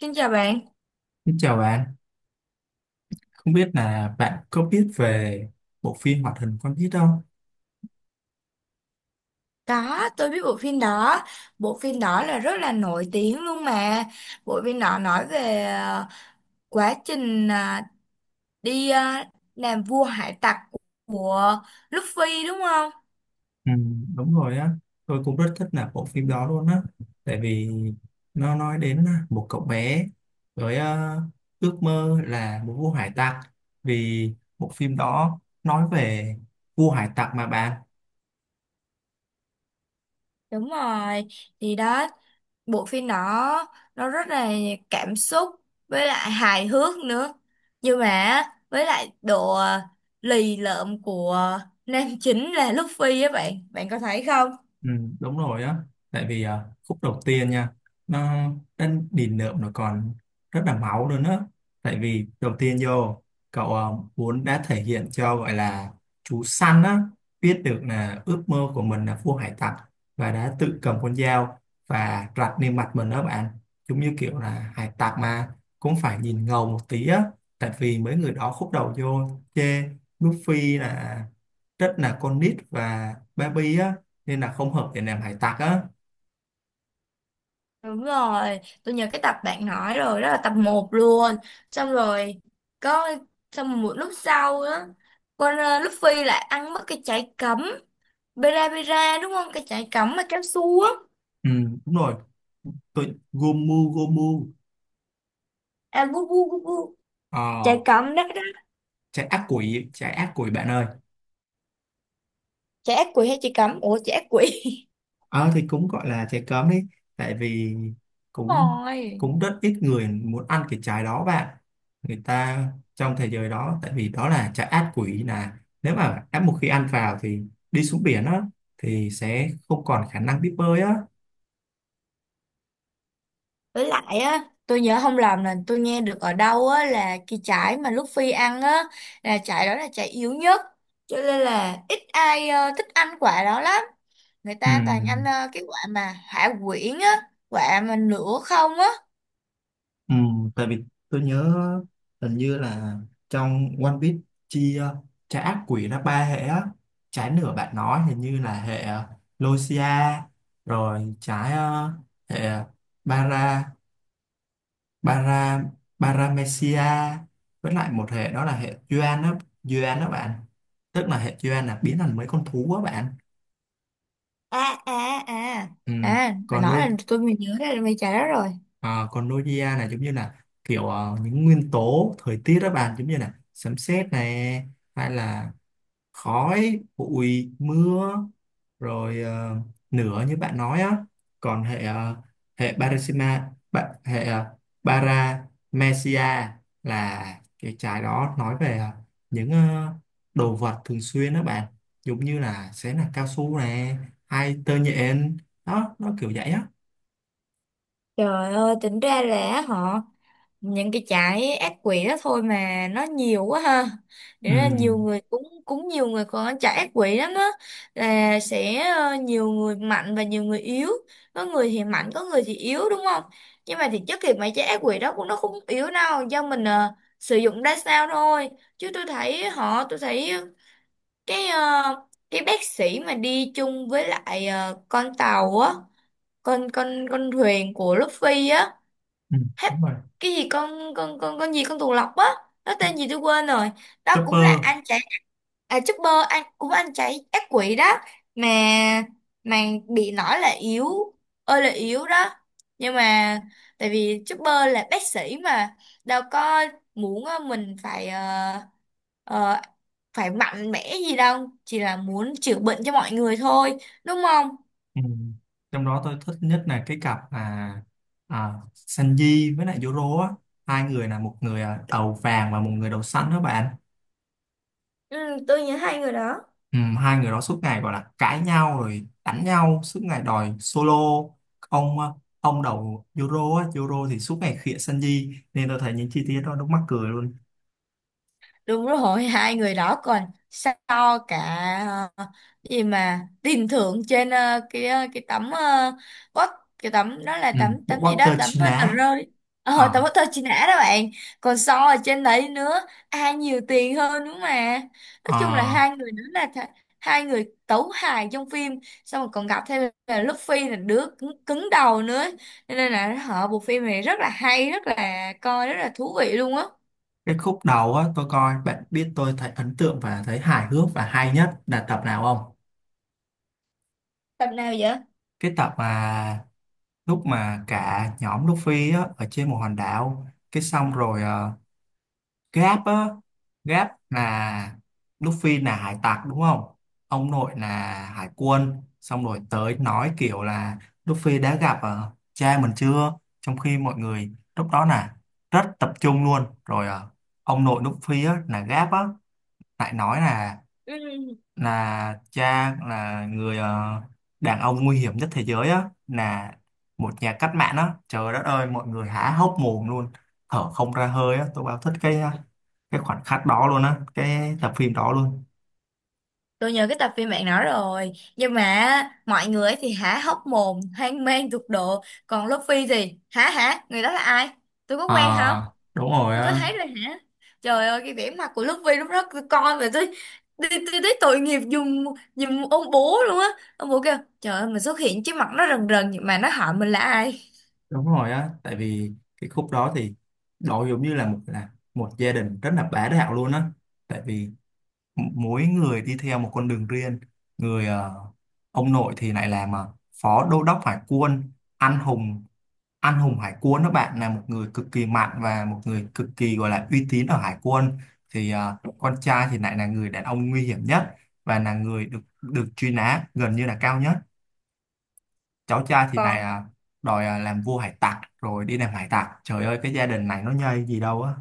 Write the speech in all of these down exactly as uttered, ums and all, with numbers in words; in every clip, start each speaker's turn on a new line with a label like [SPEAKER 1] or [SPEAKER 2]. [SPEAKER 1] Xin chào bạn.
[SPEAKER 2] Xin chào bạn, không biết là bạn có biết về bộ phim hoạt hình One Piece không?
[SPEAKER 1] Có, tôi biết bộ phim đó. Bộ phim đó là rất là nổi tiếng luôn mà. Bộ phim đó nói về ờ, quá trình ờ, đi ờ, làm vua hải tặc của Luffy đúng không?
[SPEAKER 2] Ừ, đúng rồi á, tôi cũng rất thích là bộ phim đó luôn á, tại vì nó nói đến à, một cậu bé với ờ, ước mơ là một vua hải tặc, vì bộ phim đó nói về vua hải tặc mà bạn.
[SPEAKER 1] Đúng rồi. Thì đó, bộ phim đó nó rất là cảm xúc với lại hài hước nữa. Nhưng mà với lại độ ờ, lì lợm của nam chính là Luffy á bạn. Bạn có thấy không?
[SPEAKER 2] Ừ, đúng rồi á, tại vì à, khúc đầu tiên nha, nó đến đỉnh nợ nó còn rất là máu luôn á, tại vì đầu tiên vô cậu à, muốn đã thể hiện cho gọi là chú săn á biết được là ước mơ của mình là vua hải tặc, và đã tự cầm con dao và rạch lên mặt mình đó bạn, giống như kiểu là hải tặc mà cũng phải nhìn ngầu một tí á, tại vì mấy người đó khúc đầu vô chê Luffy là rất là con nít và baby á, nên là không hợp để làm hải tặc á.
[SPEAKER 1] Đúng rồi, tôi nhớ cái tập bạn nói rồi, đó là tập một luôn. Xong rồi, có xong một lúc sau đó, con ờ, Luffy lại ăn mất cái trái cấm. Bera Bera đúng không? Cái trái cấm mà kéo xuống.
[SPEAKER 2] Ừ, đúng rồi, tôi Gomu Gomu.
[SPEAKER 1] À, bu bu bu bu. Trái
[SPEAKER 2] ờ,
[SPEAKER 1] cấm đó đó.
[SPEAKER 2] Trái ác quỷ, trái ác quỷ bạn ơi.
[SPEAKER 1] Trái ác quỷ hay trái cấm? Ủa, trái ác quỷ.
[SPEAKER 2] Ờ thì cũng gọi là trái cấm đi, tại vì
[SPEAKER 1] Đúng
[SPEAKER 2] cũng
[SPEAKER 1] rồi.
[SPEAKER 2] cũng rất ít người muốn ăn cái trái đó bạn, người ta trong thế giới đó, tại vì đó là trái ác quỷ, là nếu mà đã một khi ăn vào thì đi xuống biển á thì sẽ không còn khả năng biết bơi á.
[SPEAKER 1] Với lại á, tôi nhớ không lầm là tôi nghe được ở đâu á là cái trái mà Luffy ăn á, là trái đó là trái yếu nhất. Cho nên là ít ai ờ, thích ăn quả đó lắm, người
[SPEAKER 2] Ừ,
[SPEAKER 1] ta toàn ăn ờ, cái quả mà hả quyển á, quả mà nửa không á.
[SPEAKER 2] Ừ, tại vì tôi nhớ hình như là trong One Piece chia trái ác quỷ ra ba hệ á. Trái nửa bạn nói hình như là hệ ờ, Lucia, rồi trái ờ, hệ ờ, Bara Bara, Paramecia, với lại một hệ đó là hệ Yuan đó, Yuan đó bạn, tức là hệ Yuan là biến thành mấy con thú á bạn.
[SPEAKER 1] à à à
[SPEAKER 2] Ừ,
[SPEAKER 1] à bà
[SPEAKER 2] còn nuôi.
[SPEAKER 1] nói là tôi mới nhớ ra là mày trả đó rồi.
[SPEAKER 2] Ờ, còn Nokia là giống như là kiểu ờ, những nguyên tố thời tiết đó bạn, giống như là sấm sét này hay là khói bụi mưa, rồi ờ, lửa như bạn nói á. Còn hệ ờ, hệ Parasima ba- hệ ờ, Paramecia là cái trái đó nói về ờ, những ờ, đồ vật thường xuyên đó bạn, giống như là sẽ là cao su này hay tơ nhện đó, nó kiểu vậy á.
[SPEAKER 1] Trời ơi, tính ra là họ những cái trái ác quỷ đó thôi mà nó nhiều quá ha. Thế
[SPEAKER 2] Ừ,
[SPEAKER 1] ra nhiều người cũng cũng nhiều người còn trái ác quỷ lắm á, là sẽ ờ, nhiều người mạnh và nhiều người yếu. Có người thì mạnh, có người thì yếu đúng không? Nhưng mà thì chất thì mấy trái ác quỷ đó cũng nó không yếu đâu, do mình ờ, sử dụng ra sao thôi. Chứ tôi thấy họ tôi thấy cái ờ, cái bác sĩ mà đi chung với lại ờ, con tàu á, con con con thuyền của Luffy á,
[SPEAKER 2] ừ,
[SPEAKER 1] hết
[SPEAKER 2] đúng rồi.
[SPEAKER 1] cái gì, con con con con gì, con tuần lộc á, nó tên gì tôi quên rồi. Đó cũng là
[SPEAKER 2] Chopper.
[SPEAKER 1] anh chạy. À, Chopper anh cũng anh chạy ác quỷ đó, mà mà bị nói là yếu, ơi là yếu đó. Nhưng mà tại vì Chopper là bác sĩ mà, đâu có muốn ờ, mình phải ờ, ờ, phải mạnh mẽ gì đâu, chỉ là muốn chữa bệnh cho mọi người thôi đúng không?
[SPEAKER 2] Ừ. Trong đó tôi thích nhất là cái cặp là à, Sanji với lại Zoro á, hai người là một người à, đầu vàng và một người đầu xanh đó bạn.
[SPEAKER 1] Ừ, tôi nhớ hai người đó.
[SPEAKER 2] Ừ, hai người đó suốt ngày gọi là cãi nhau rồi đánh nhau suốt ngày đòi solo. ông à, ông đầu Zoro á, Zoro thì suốt ngày khịa Sanji nên tôi thấy những chi tiết đó nó mắc cười luôn.
[SPEAKER 1] Đúng rồi. Hai người đó còn so cả ờ, cái gì mà tiền thưởng trên ờ, cái ờ, cái tấm uh, quất, cái tấm đó là
[SPEAKER 2] Ừ,
[SPEAKER 1] tấm tấm
[SPEAKER 2] bộ
[SPEAKER 1] gì
[SPEAKER 2] bóc
[SPEAKER 1] đó
[SPEAKER 2] tơ
[SPEAKER 1] tấm
[SPEAKER 2] chi
[SPEAKER 1] ờ, tờ
[SPEAKER 2] lá.
[SPEAKER 1] rơi, ờ tấm
[SPEAKER 2] Ờ,
[SPEAKER 1] tờ chi nã đó bạn. Còn so ở trên đấy nữa, ai nhiều tiền hơn nữa mà. Nói chung là hai
[SPEAKER 2] ờ,
[SPEAKER 1] người đó là th- hai người tấu hài trong phim. Xong rồi còn gặp thêm là Luffy là đứa cứng, cứng đầu nữa. Cho nên là họ bộ phim này rất là hay, rất là coi rất là thú vị luôn á.
[SPEAKER 2] cái khúc đầu á tôi coi, bạn biết tôi thấy ấn tượng và thấy hài hước và hay nhất là tập nào không?
[SPEAKER 1] Tập nào vậy?
[SPEAKER 2] Cái tập mà lúc mà cả nhóm Luffy á, ở trên một hòn đảo, cái xong rồi ờ, Gap á, Gap là Luffy là hải tặc đúng không, ông nội là hải quân, xong rồi tới nói kiểu là Luffy đã gặp ờ, cha mình chưa, trong khi mọi người lúc đó là rất tập trung luôn, rồi ờ, ông nội Luffy á, là Gap á, lại nói là
[SPEAKER 1] Ừ.
[SPEAKER 2] là cha là người ờ, đàn ông nguy hiểm nhất thế giới á, là một nhà cách mạng á, trời đất ơi mọi người há hốc mồm luôn, thở không ra hơi á, tôi bao thích cái cái khoảnh khắc đó luôn á, cái tập phim đó luôn.
[SPEAKER 1] Tôi nhớ cái tập phim bạn nói rồi. Nhưng mà á, mọi người ấy thì há hốc mồm, hoang mang tột độ. Còn Luffy thì hả hả, người đó là ai? Tôi có quen không?
[SPEAKER 2] À, đúng rồi
[SPEAKER 1] Tôi có
[SPEAKER 2] á.
[SPEAKER 1] thấy rồi hả? Trời ơi cái vẻ mặt của Luffy lúc đó tôi coi về tôi. Tôi, tôi thấy tội nghiệp dùng dùng ông bố luôn á. Ông bố kêu trời ơi mình xuất hiện trước mặt nó rần rần nhưng mà nó hỏi mình là ai.
[SPEAKER 2] Đúng rồi á, tại vì cái khúc đó thì đó giống như là một là một gia đình rất là bá đạo luôn á, tại vì m- mỗi người đi theo một con đường riêng. Người ờ, ông nội thì lại làm ờ, phó đô đốc hải quân, anh hùng, anh hùng hải quân đó bạn, là một người cực kỳ mạnh và một người cực kỳ gọi là uy tín ở hải quân. Thì à, con trai thì lại là người đàn ông nguy hiểm nhất và là người được được truy nã gần như là cao nhất. Cháu trai thì lại
[SPEAKER 1] Còn
[SPEAKER 2] à, đòi à, làm vua hải tặc rồi đi làm hải tặc, trời ơi cái gia đình này nó nhây gì đâu á.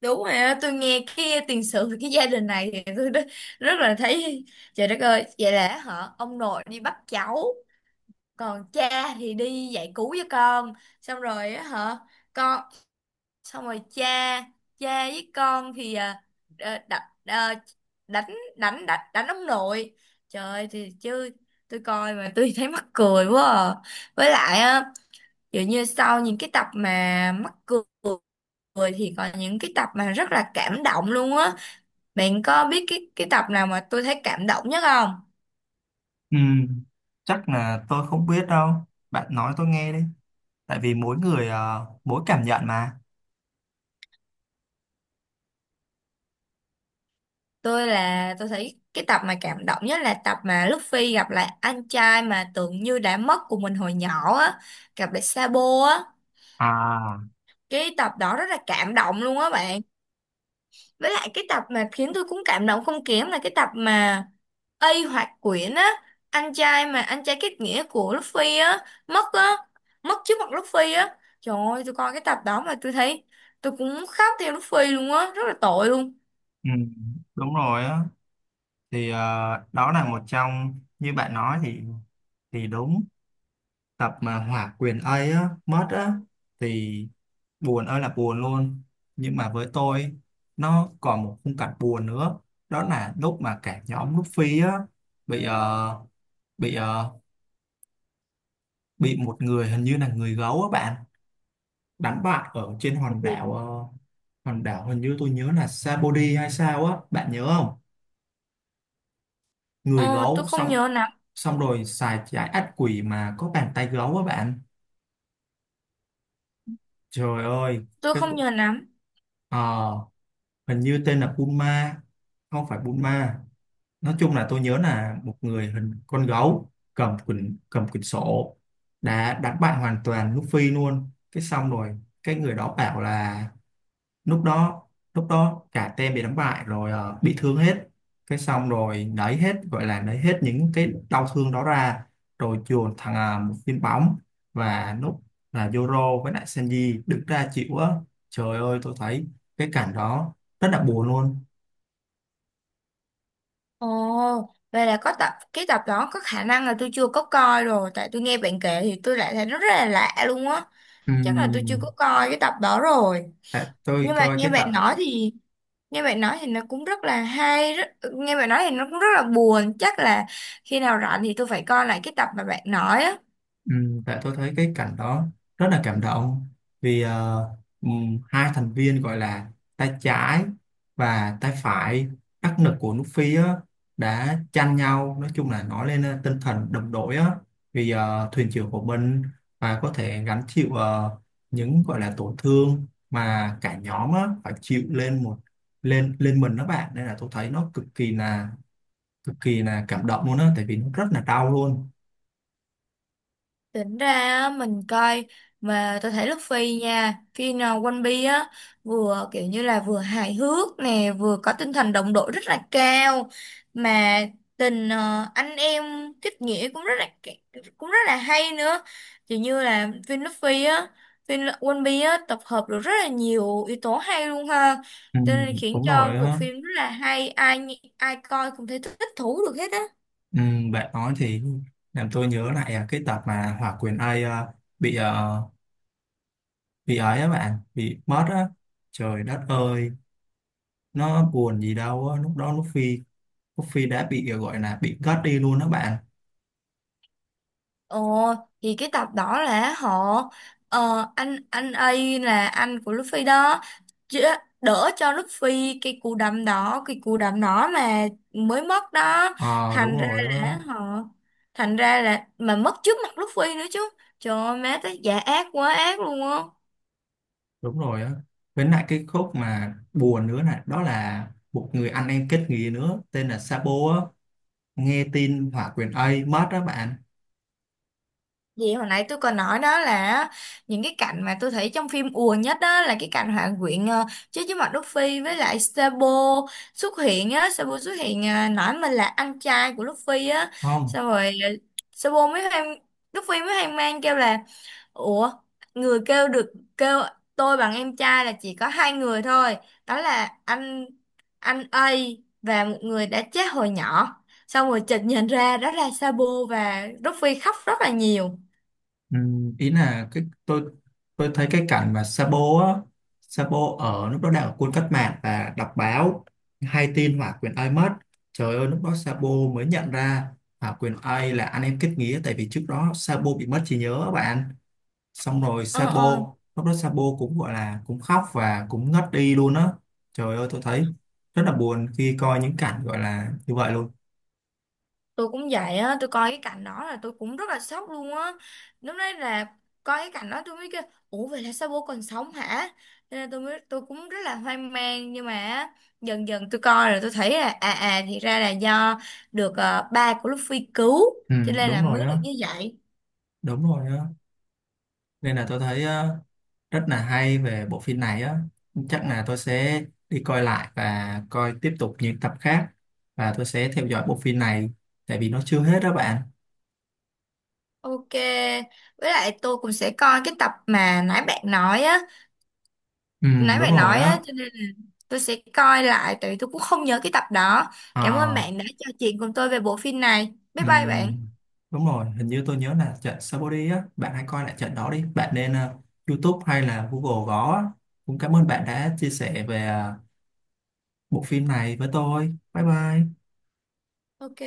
[SPEAKER 1] đúng rồi á, tôi nghe cái tiền sử về cái gia đình này thì tôi rất, rất là thấy trời đất ơi, vậy là họ ông nội đi bắt cháu, còn cha thì đi dạy cứu với con. Xong rồi á hả, con, xong rồi cha, cha với con thì à, đ- đ- đ- đánh đánh đánh đánh ông nội. Trời ơi, thì chứ tôi coi mà tôi thấy mắc cười quá à. Với lại á, dường như sau những cái tập mà mắc cười cười thì còn những cái tập mà rất là cảm động luôn á. Bạn có biết cái cái tập nào mà tôi thấy cảm động nhất không?
[SPEAKER 2] Ừ, chắc là tôi không biết đâu, bạn nói tôi nghe đi, tại vì mỗi người à, mỗi cảm nhận mà.
[SPEAKER 1] Tôi là tôi thấy cái tập mà cảm động nhất là tập mà Luffy gặp lại anh trai mà tưởng như đã mất của mình hồi nhỏ á, gặp lại Sabo á.
[SPEAKER 2] À,
[SPEAKER 1] Cái tập đó rất là cảm động luôn á bạn. Với lại cái tập mà khiến tôi cũng cảm động không kém là cái tập mà a Hoạt Quyển á, anh trai mà anh trai kết nghĩa của Luffy á mất á, mất trước mặt Luffy á. Trời ơi tôi coi cái tập đó mà tôi thấy tôi cũng khóc theo Luffy luôn á, rất là tội luôn.
[SPEAKER 2] ừ, đúng rồi á, thì à, đó là một trong như bạn nói thì thì đúng, tập mà hỏa quyền ấy á, mất á, thì buồn ơi là buồn luôn. Nhưng mà với tôi nó còn một khung cảnh buồn nữa, đó là lúc mà cả nhóm Luffy á bị ờ, bị ờ, bị một người hình như là người gấu á bạn, đánh bại ở trên hòn
[SPEAKER 1] Cái
[SPEAKER 2] đảo ờ, hòn đảo hình như tôi nhớ là Sabody hay sao á, bạn nhớ không? Người
[SPEAKER 1] ờ tôi
[SPEAKER 2] gấu,
[SPEAKER 1] không
[SPEAKER 2] xong
[SPEAKER 1] nhớ lắm.
[SPEAKER 2] xong rồi xài trái ác quỷ mà có bàn tay gấu á bạn, trời ơi
[SPEAKER 1] Tôi
[SPEAKER 2] cái
[SPEAKER 1] không
[SPEAKER 2] khu-
[SPEAKER 1] nhớ lắm.
[SPEAKER 2] Ờ, hình như tên là Puma, không phải Puma, nói chung là tôi nhớ là một người hình con gấu cầm quyển, cầm quyển sổ, đã đánh bại hoàn toàn Luffy luôn. Cái xong rồi cái người đó bảo là lúc đó, lúc đó cả team bị đánh bại rồi, ờ, bị thương hết, cái xong rồi lấy hết gọi là lấy hết những cái đau thương đó ra, rồi chuồn thằng à, một viên bóng, và lúc là Zoro với lại Sanji đứng ra chịu á, trời ơi tôi thấy cái cảnh đó rất là buồn luôn.
[SPEAKER 1] Ồ, vậy là có tập cái tập đó có khả năng là tôi chưa có coi rồi, tại tôi nghe bạn kể thì tôi lại thấy rất là lạ luôn á. Chắc là tôi chưa có
[SPEAKER 2] Ừm,
[SPEAKER 1] coi cái tập đó rồi.
[SPEAKER 2] tại tôi
[SPEAKER 1] Nhưng mà
[SPEAKER 2] coi
[SPEAKER 1] nghe
[SPEAKER 2] cái
[SPEAKER 1] bạn
[SPEAKER 2] tập
[SPEAKER 1] nói thì nghe bạn nói thì nó cũng rất là hay, rất, nghe bạn nói thì nó cũng rất là buồn, chắc là khi nào rảnh thì tôi phải coi lại cái tập mà bạn nói á.
[SPEAKER 2] ừm, Tại tôi thấy cái cảnh đó rất là cảm động, vì ờ, ừm, hai thành viên gọi là tay trái và tay phải đắc lực của nước Phi á, đã tranh nhau, nói chung là nói lên ờ, tinh thần đồng đội á, vì ờ, thuyền trưởng của mình, và có thể gánh chịu ờ, những gọi là tổn thương mà cả nhóm á, phải chịu lên một, lên lên mình đó bạn, nên là tôi thấy nó cực kỳ là cực kỳ là cảm động luôn á, tại vì nó rất là đau luôn.
[SPEAKER 1] Tính ra á, mình coi mà tôi thấy Luffy nha, phim uh, One Piece á vừa kiểu như là vừa hài hước nè, vừa có tinh thần đồng đội rất là cao, mà tình ờ, anh em kết nghĩa cũng rất là cũng rất là hay nữa, chỉ như là phim Luffy á, phim One Piece á tập hợp được rất là nhiều yếu tố hay luôn ha,
[SPEAKER 2] Ừ,
[SPEAKER 1] cho nên khiến
[SPEAKER 2] đúng
[SPEAKER 1] cho
[SPEAKER 2] rồi
[SPEAKER 1] bộ
[SPEAKER 2] á.
[SPEAKER 1] phim rất là hay, ai ai coi cũng thấy thích thú được hết á.
[SPEAKER 2] Ừ, bạn nói thì làm tôi nhớ lại à, cái tập mà Hòa Quyền Ây à, bị à, bị ấy á bạn, bị mất á, trời đất ơi nó buồn gì đâu á, lúc đó lúc Phi, lúc Phi đã bị à, gọi là bị cất đi luôn đó bạn.
[SPEAKER 1] Ồ, thì cái tập đó là họ ờ, anh anh ấy là anh của Luffy đó chứ, đỡ cho Luffy cái cú đấm đó, cái cú đấm đó mà mới mất đó.
[SPEAKER 2] Ờ đúng
[SPEAKER 1] thành ra
[SPEAKER 2] rồi á,
[SPEAKER 1] là họ thành ra là mà mất trước mặt Luffy nữa chứ. Trời ơi má tới giả ác quá ác luôn á.
[SPEAKER 2] đúng rồi á với lại cái khúc mà buồn nữa này đó là một người anh em kết nghĩa nữa tên là Sabo á, nghe tin Hòa Quyền Ây mất đó bạn.
[SPEAKER 1] Vậy hồi nãy tôi còn nói đó là những cái cảnh mà tôi thấy trong phim ùa nhất đó là cái cảnh Hoàng Quyện ờ, chơi với Mạc Đức Phi, với lại Sabo xuất hiện á, Sabo xuất hiện ờ, nói mình là anh trai của Đức Phi á,
[SPEAKER 2] Không,
[SPEAKER 1] xong rồi ờ, Sabo mới hoang, Đức Phi mới hoang mang kêu là ủa, người kêu được kêu tôi bằng em trai là chỉ có hai người thôi, đó là anh anh A và một người đã chết hồi nhỏ. Xong rồi chợt nhận ra đó là Sabo và Đức Phi khóc rất là nhiều.
[SPEAKER 2] ừ, ý là cái tôi tôi thấy cái cảnh mà Sabo á, Sabo ở lúc đó đang ở quân cách mạng và đọc báo, hay tin Hòa Quyền Ai mất, trời ơi lúc đó Sabo mới nhận ra Hòa Quyền Ai là anh em kết nghĩa, tại vì trước đó Sabo bị mất trí nhớ á bạn. Xong rồi
[SPEAKER 1] Ờ,
[SPEAKER 2] Sabo,
[SPEAKER 1] ờ,
[SPEAKER 2] lúc đó Sabo cũng gọi là cũng khóc và cũng ngất đi luôn á, trời ơi tôi thấy rất là buồn khi coi những cảnh gọi là như vậy luôn.
[SPEAKER 1] tôi cũng vậy á, tôi coi cái cảnh đó là tôi cũng rất là sốc luôn á. Lúc đấy là coi cái cảnh đó tôi mới kêu, ủa vậy là sao bố còn sống hả? Cho nên tôi mới, tôi cũng rất là hoang mang, nhưng mà á, dần dần tôi coi rồi tôi thấy là à à thì ra là do được ờ, ba của Luffy cứu
[SPEAKER 2] Ừ,
[SPEAKER 1] cho nên là
[SPEAKER 2] đúng
[SPEAKER 1] mới
[SPEAKER 2] rồi
[SPEAKER 1] được
[SPEAKER 2] á,
[SPEAKER 1] như vậy.
[SPEAKER 2] đúng rồi á nên là tôi thấy rất là hay về bộ phim này á. Chắc là tôi sẽ đi coi lại và coi tiếp tục những tập khác, và tôi sẽ theo dõi bộ phim này, tại vì nó chưa hết đó bạn.
[SPEAKER 1] Ok, với lại tôi cũng sẽ coi cái tập mà nãy bạn nói á,
[SPEAKER 2] Ừ,
[SPEAKER 1] nãy
[SPEAKER 2] đúng
[SPEAKER 1] bạn
[SPEAKER 2] rồi
[SPEAKER 1] nói á
[SPEAKER 2] á.
[SPEAKER 1] cho nên là tôi sẽ coi lại tại vì tôi cũng không nhớ cái tập đó. Cảm ơn
[SPEAKER 2] à,
[SPEAKER 1] bạn đã trò chuyện cùng tôi về bộ phim này, bye bye bạn.
[SPEAKER 2] ừ, Đúng rồi, hình như tôi nhớ là trận Saudi á bạn, hãy coi lại trận đó đi bạn, nên ờ, YouTube hay là Google gõ á. Cũng cảm ơn bạn đã chia sẻ về ờ, bộ phim này với tôi, bye bye.
[SPEAKER 1] Ok.